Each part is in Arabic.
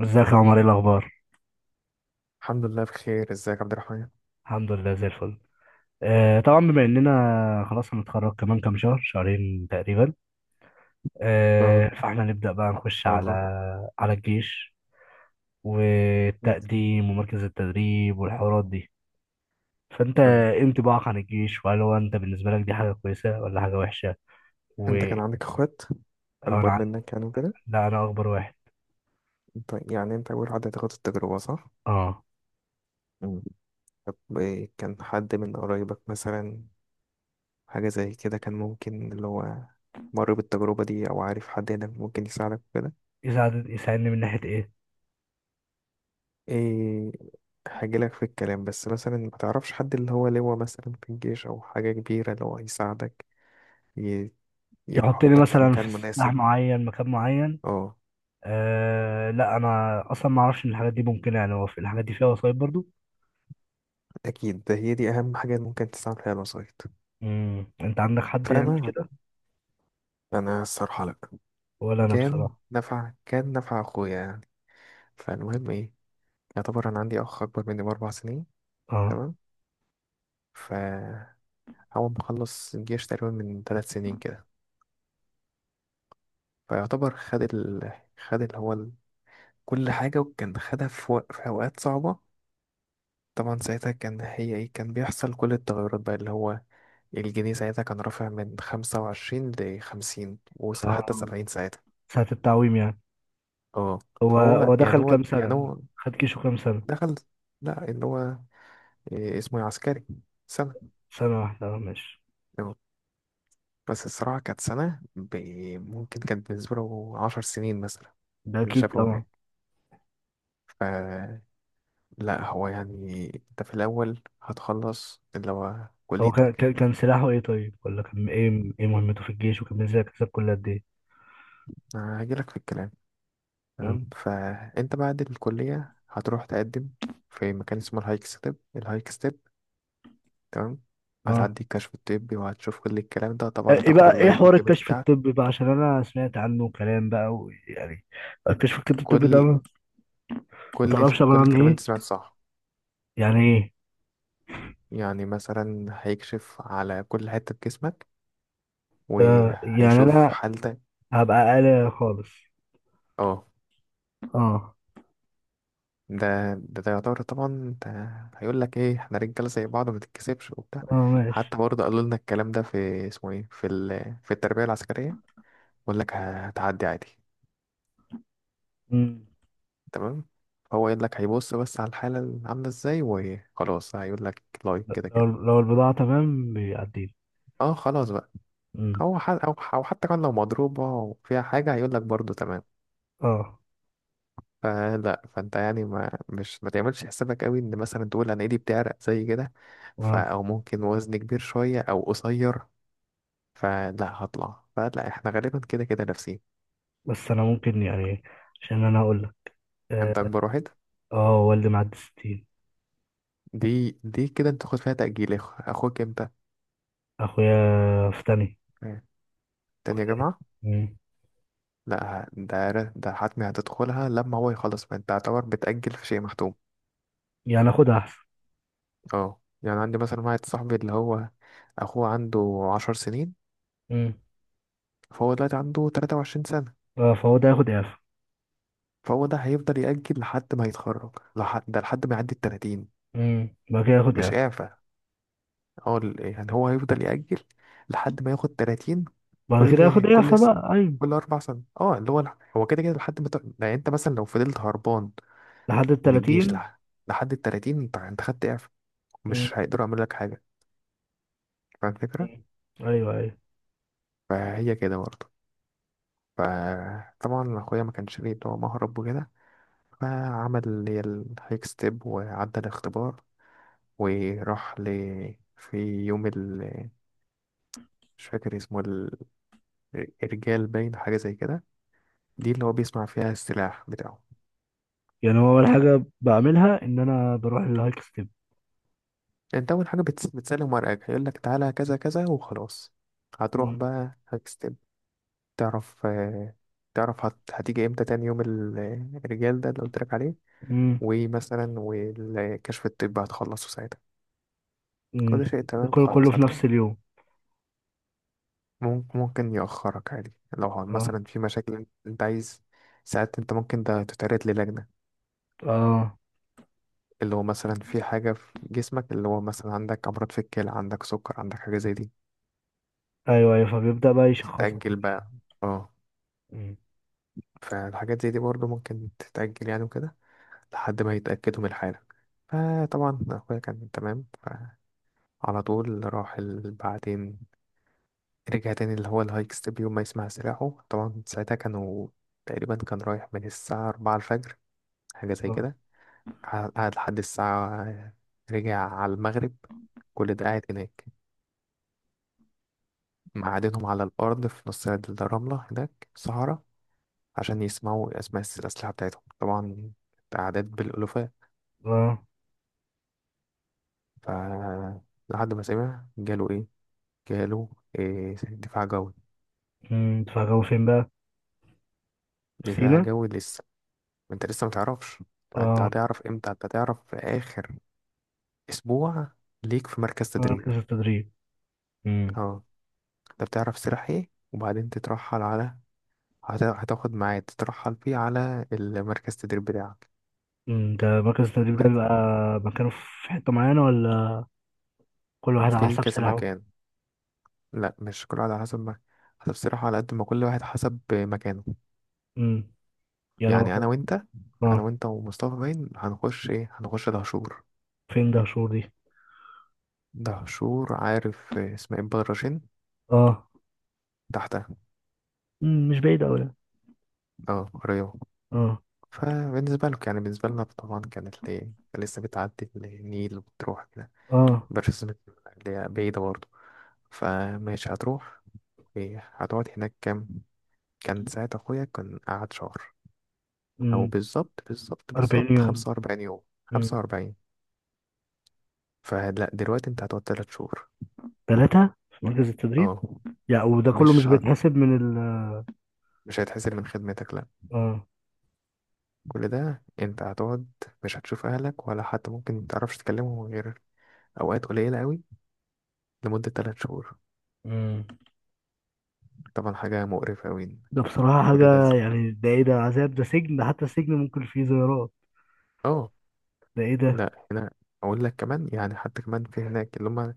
ازيك يا عمر؟ ايه الاخبار؟ الحمد لله بخير، ازيك يا عبد الرحمن. الحمد لله زي الفل. آه، طبعا بما اننا خلاص هنتخرج كمان كام شهر شهرين تقريبا. آه، اه، ان فاحنا نبدا بقى نخش شاء على الله. على الجيش يس. والتقديم ومركز التدريب والحوارات دي. فانت اه، ايه انطباعك عن الجيش؟ وهل هو انت بالنسبه لك دي حاجه كويسه ولا حاجه وحشه؟ و انت كان عندك اخوات أو انا اكبر عن- منك يعني وكده؟ لا، انا اكبر واحد. انت يعني انت اول حد هتاخد التجربة، صح؟ اه، مم. طب ايه، كان حد من قرايبك مثلا حاجة زي كده كان ممكن اللي هو مر بالتجربة دي، او عارف حد هنا ممكن يساعدك وكده؟ يساعدني من ناحيه ايه؟ ايه، هجيلك في الكلام. بس مثلا ما تعرفش حد اللي هو لواء مثلا في الجيش او حاجة كبيرة اللي هو يساعدك، ي- يحطني يحطك في مثلا مكان في سلاح مناسب. معين، مكان معين. اه أه، لا، انا اصلا ما اعرفش ان الحاجات دي ممكنه. يعني هو في الحاجات دي فيها وسايط برضو؟ أكيد، ده هي دي أهم حاجة ممكن تستعمل فيها الوسايط، انت عندك حد فاهمة يعمل يعني. كده؟ أنا الصراحة لأ، ولا انا كان بصراحه. نفع كان نفع أخويا يعني. فالمهم إيه، يعتبر أنا عندي أخ أكبر مني ب4 سنين. اه، تمام، فهو مخلص الجيش تقريبا من 3 سنين كده. فيعتبر خد ال... خد اللي هو ال... كل حاجة، وكان خدها في، في أوقات صعبة. طبعا ساعتها كان هي إيه، كان بيحصل كل التغيرات بقى اللي هو الجنيه ساعتها كان رافع من 25 لـ50 وحتى اه، 70 ساعتها. ساعه التعويم يعني. اه، هو فهو هو يعني دخل هو كام يعني سنه؟ هو خد كيشو كام سنه؟ دخل، لا اللي هو إيه اسمه إيه، عسكري سنة. سنه واحده، اه، ماشي. اه. بس الصراحة كانت سنة ممكن كانت بالنسبة له 10 سنين مثلا، ده اللي اكيد شافه طبعا. هناك. فلا، هو يعني انت في الأول هتخلص اللي هو هو كان كليتك. كان كان سلاحه ايه طيب؟ ولا كان ايه مهمته في الجيش؟ وكان ازاي كسب كل قد ايه؟ أنا هجيلك في الكلام. امم تمام، فانت بعد الكلية هتروح تقدم في مكان اسمه الهايك ستيب، الهايك ستيب. تمام، اه. هتعدي الكشف الطبي وهتشوف كل الكلام ده، طبعا ايه هتاخد بقى، ايه اللايك حوار الجيب. الكشف الطبي بقى؟ عشان انا سمعت عنه كلام بقى ويعني... الكشف الطبي ده، كل ما كل تعرفش ال- عباره كل عن الكلام اللي أنت ايه؟ سمعته صح. يعني ايه؟ يعني مثلا هيكشف على كل حتة في جسمك آه، يعني وهيشوف انا حالتك. هبقى اقل خالص. اه، اه، ده يعتبر طبعا، ده هيقول لك ايه، احنا رجاله زي بعض، ما تتكسفش وبتاع. اه، ماشي. حتى برضه قالوا لنا الكلام ده في اسمه ايه، في التربية العسكرية. يقول لك هتعدي عادي. مم. تمام، هو يقول لك هيبص بس على الحالة اللي عاملة ازاي، وخلاص هيقول لك لايك، كده لو كده. لو البضاعة تمام بيعديني؟ اه خلاص بقى. مم. او أو حتى كان لو مضروبة وفيها حاجة، هيقول لك برضه تمام. اه، فلا، فانت يعني ما تعملش حسابك قوي ان مثلا تقول انا ايدي بتعرق زي كده، ف اه، او ممكن وزني كبير شويه او قصير. فلا هطلع، فلا احنا غالبا كده كده نفسي. بس انا ممكن يعني. عشان انا هقول لك. اه. انت اكبر واحد؟ آه، والدي معدي 60. دي كده انت تاخد فيها تأجيل. اخوك امتى؟ اخويا في تاني آه، تانية كلية. جامعة. مم. لا ه- ده ر- ده حتمي هتدخلها لما هو يخلص، فانت تعتبر بتأجل في شيء محتوم. يعني اخد احسن. اه، يعني عندي مثلا واحد صاحبي اللي هو اخوه عنده 10 سنين. مم. فهو دلوقتي عنده 23 سنة، آه، فهو ده ياخد اعفاء؟ فهو ده هيفضل يأجل لحد ما يتخرج لحد ما يعدي الـ30. مم. بعد كده ياخد مش اعفاء. إعفاء، يعني هو هيفضل يأجل لحد ما ياخد 30. بعد كده كل ياخد كل اعفاء س... بقى؟ ايوه. كل 4 سنين، اه اللي هو هو كده كده لحد ما ت... يعني أنت مثلا لو فضلت هربان لحد ال من الجيش 30. لحد الـ30، أنت خدت إعفاء، مم. مش هيقدروا يعملوا لك حاجة. فاهم الفكرة؟ مم. ايوه، ايوه. فهي كده برضه. فطبعا أخويا ما كانش ليه اللي هو مهرب وكده، فعمل اللي هي الهيك ستيب وعدى الاختبار، وراح ل، في يوم ال، مش فاكر اسمه، الرجال باين حاجة زي كده، دي اللي هو بيصنع فيها السلاح بتاعه. يعني هو اول حاجة بعملها ان انا بروح للهايك ستيب. انت أول حاجة بتسلم ورقك، هيقولك تعالى كذا كذا وخلاص. هتروح مم. بقى هكستب، تعرف آه، هتيجي امتى تاني يوم الرجال ده اللي قلتلك عليه، مم. ومثلا والكشف الطبي هتخلصه ساعتها، مم. كل شيء ده تمام كله كله خلاص في هتكمل. نفس اليوم؟ ممكن يأخرك عادي، لو اه. مثلا في مشاكل انت عايز. ساعات انت ممكن ده تتعرض للجنة، اه، اللي هو مثلا في حاجة في جسمك، اللي هو مثلا عندك أمراض في الكلى، عندك سكر، عندك حاجة زي دي، ايوه، ايوه، فبيبدأ بقى يشخصها بتتأجل كده. بقى. اه، مم. فالحاجات زي دي برضه ممكن تتأجل يعني وكده، لحد ما يتأكدوا من الحالة. فطبعا أخويا كان تمام، فعلى طول بعدين رجع تاني اللي هو الهايك ستيب، يوم ما يسمع سلاحه. طبعا ساعتها كانوا، تقريبا كان رايح من الساعة 4 الفجر حاجة زي اه. كده، قعد لحد الساعة، رجع على المغرب، كل ده قاعد هناك، معادنهم على الأرض في نص الرملة هناك الصحراء، عشان يسمعوا أسماء الأسلحة بتاعتهم طبعا، أعداد بالألوفات. اه. ف لحد ما سمع جاله إيه؟ جاله إيه، دفاع جوي. مم. فجابوا فين بقى؟ في دفاع سينا؟ جوي لسه، أنت لسه متعرفش. أنت اه، هتعرف إمتى، أنت هتعرف في آخر أسبوع ليك في مركز في تدريب. مركز التدريب. مم. أه، أنت بتعرف سلاح إيه، وبعدين تترحل على، هتاخد ميعاد تترحل فيه على المركز التدريب بتاعك. مم. ده مركز التدريب ده بيبقى مركز مكانه في حتة معينة، ولا كل واحد على في حساب كذا سلاحه؟ مكان. لا مش كل واحد على حسب ما، حسب الصراحة على قد ما كل واحد حسب مكانه. امم يعني هو يعني أنا فوق. وأنت، أنا اه، وأنت ومصطفى باين هنخش إيه، هنخش دهشور. فين ده شهور دي؟ دهشور، عارف إسماعيل بدرشين؟ اه. تحتها. مم. مش بعيد أوي يعني. أه رياض. اه. فبالنسبة لك يعني، بالنسبة لنا طبعا كانت ليه، لسه بتعدي النيل وبتروح كده، اه. مبقاش اسمك، اللي هي بعيدة برضه. فماشي هتروح إيه، هتقعد هناك كام. كان ساعة أخويا كان قعد شهر، أو مم. بالظبط بالظبط 40 بالظبط يوم. 45 يوم، خمسة مم. وأربعين فلا دلوقتي انت هتقعد 3 شهور. 3 في مركز التدريب؟ اه، يعني وده كله مش مش ه... بيتحسب من ال... مش هيتحسن من خدمتك، لا. اه. كل ده انت هتقعد مش هتشوف اهلك، ولا حتى ممكن متعرفش تكلمهم غير اوقات قليلة قوي، لمدة 3 شهور. مم. طبعا حاجة مقرفة قوي. ده بصراحة كل ده حاجة، ز... يعني ده ايه ده؟ عذاب؟ ده سجن؟ ده حتى السجن ممكن فيه زيارات. اه ده ايه ده؟ لا هنا، اقول لك كمان يعني، حتى كمان في هناك اللي هم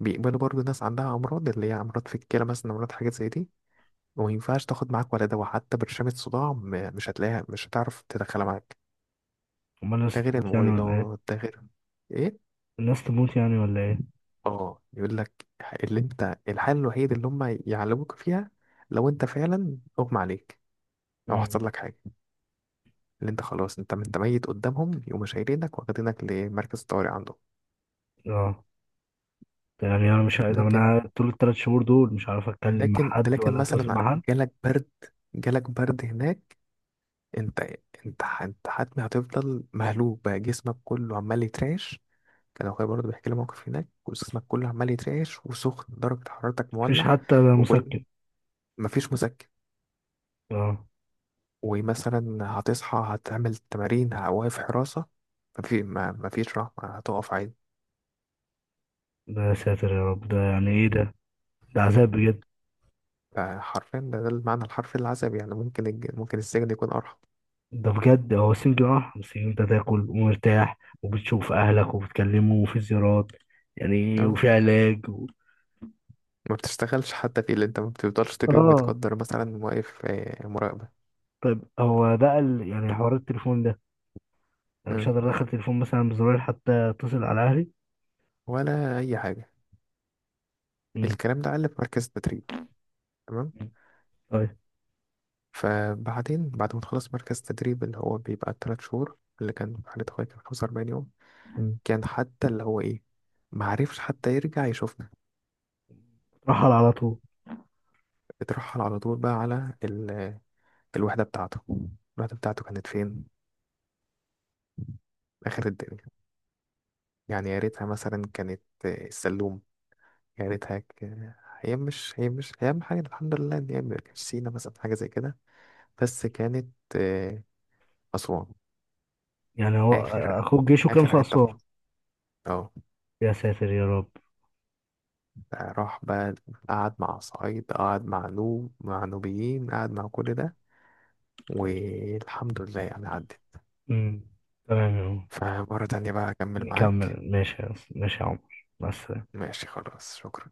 بيقبلوا برضو ناس عندها امراض، اللي هي امراض في الكلى مثلا، امراض حاجات زي دي، وما ينفعش تاخد معاك ولا دواء حتى برشامة صداع، مش هتلاقيها، مش هتعرف تدخلها معاك. امال ده الناس غير تموت يعني ولا ايه؟ الموبايلات، ده غير ايه. الناس تموت يعني ولا ايه؟ اه، يقول لك اللي انت الحل الوحيد اللي هم يعلموك فيها، لو انت فعلا اغمى عليك او مم. حصل لك حاجه، اللي انت خلاص انت ميت قدامهم، يقوموا شايلينك واخدينك لمركز الطوارئ عندهم. اه. ده يعني انا مش، ده لكن انا طول الثلاث شهور دول مش عارف اتكلم مع لكن ده حد لكن ولا اتواصل مثلا مع حد؟ جالك برد، جالك برد هناك، انت انت حتمي هتفضل مهلوك بقى، جسمك كله عمال يترعش. كان اخويا برضه بيحكي لي موقف هناك، جسمك كله عمال يترعش وسخن درجه حرارتك مفيش مولع، حتى وكل مسكن؟ مفيش مسكن، اه. ومثلا هتصحى هتعمل تمارين، واقف حراسة، مفي ما مفيش رحمة، هتقف عادي. ده يا ساتر يا رب، ده يعني ايه ده؟ ده عذاب بجد. فحرفيا ده المعنى الحرفي للعذاب يعني. ممكن ممكن السجن يكون أرحم. ده بجد هو سنجل، اه، بس انت تاكل ومرتاح وبتشوف اهلك وبتكلمهم وفي زيارات. يعني اه، وفي علاج و... ما بتشتغلش حتى في، اللي انت ما بتفضلش طول اليوم، اه. متقدر مثلا واقف آه، مراقبة. طيب، هو بقى ال... يعني حوار التليفون ده، انا مش اه، هقدر ادخل تليفون مثلا بزرار حتى اتصل على اهلي؟ ولا أي حاجة. امم. الكلام ده قال في مركز التدريب. تمام، طيب. فبعدين بعد ما تخلص مركز التدريب، اللي هو بيبقى التلات شهور، اللي كان في حالة أخويا كان 45 يوم. مم. كان حتى اللي هو إيه، معرفش حتى يرجع يشوفنا. رحل على طول. بترحل على طول بقى على الوحدة بتاعته. الوحدة بتاعته كانت فين؟ آخر الدنيا. يعني يا ريتها مثلا كانت آه، السلوم. يا ريتها ك- هي مش هي أهم حاجة الحمد لله إن هي ما كانتش سينا مثلا حاجة زي كده. بس كانت آه، أسوان. يعني هو آخر اخوك جيشه كان آخر في حتة في اسوان؟ مصر. اه، يا ساتر يا رب. راح بقى، قعد مع صعيد، قعد مع نوب، مع نوبيين، قعد مع كل ده، والحمد لله يعني عدت. مم. تمام يا عمر. فمرة تانية بقى أكمل معاك. نكمل، ماشي يا عمر، مع السلامة. ماشي خلاص، شكرا.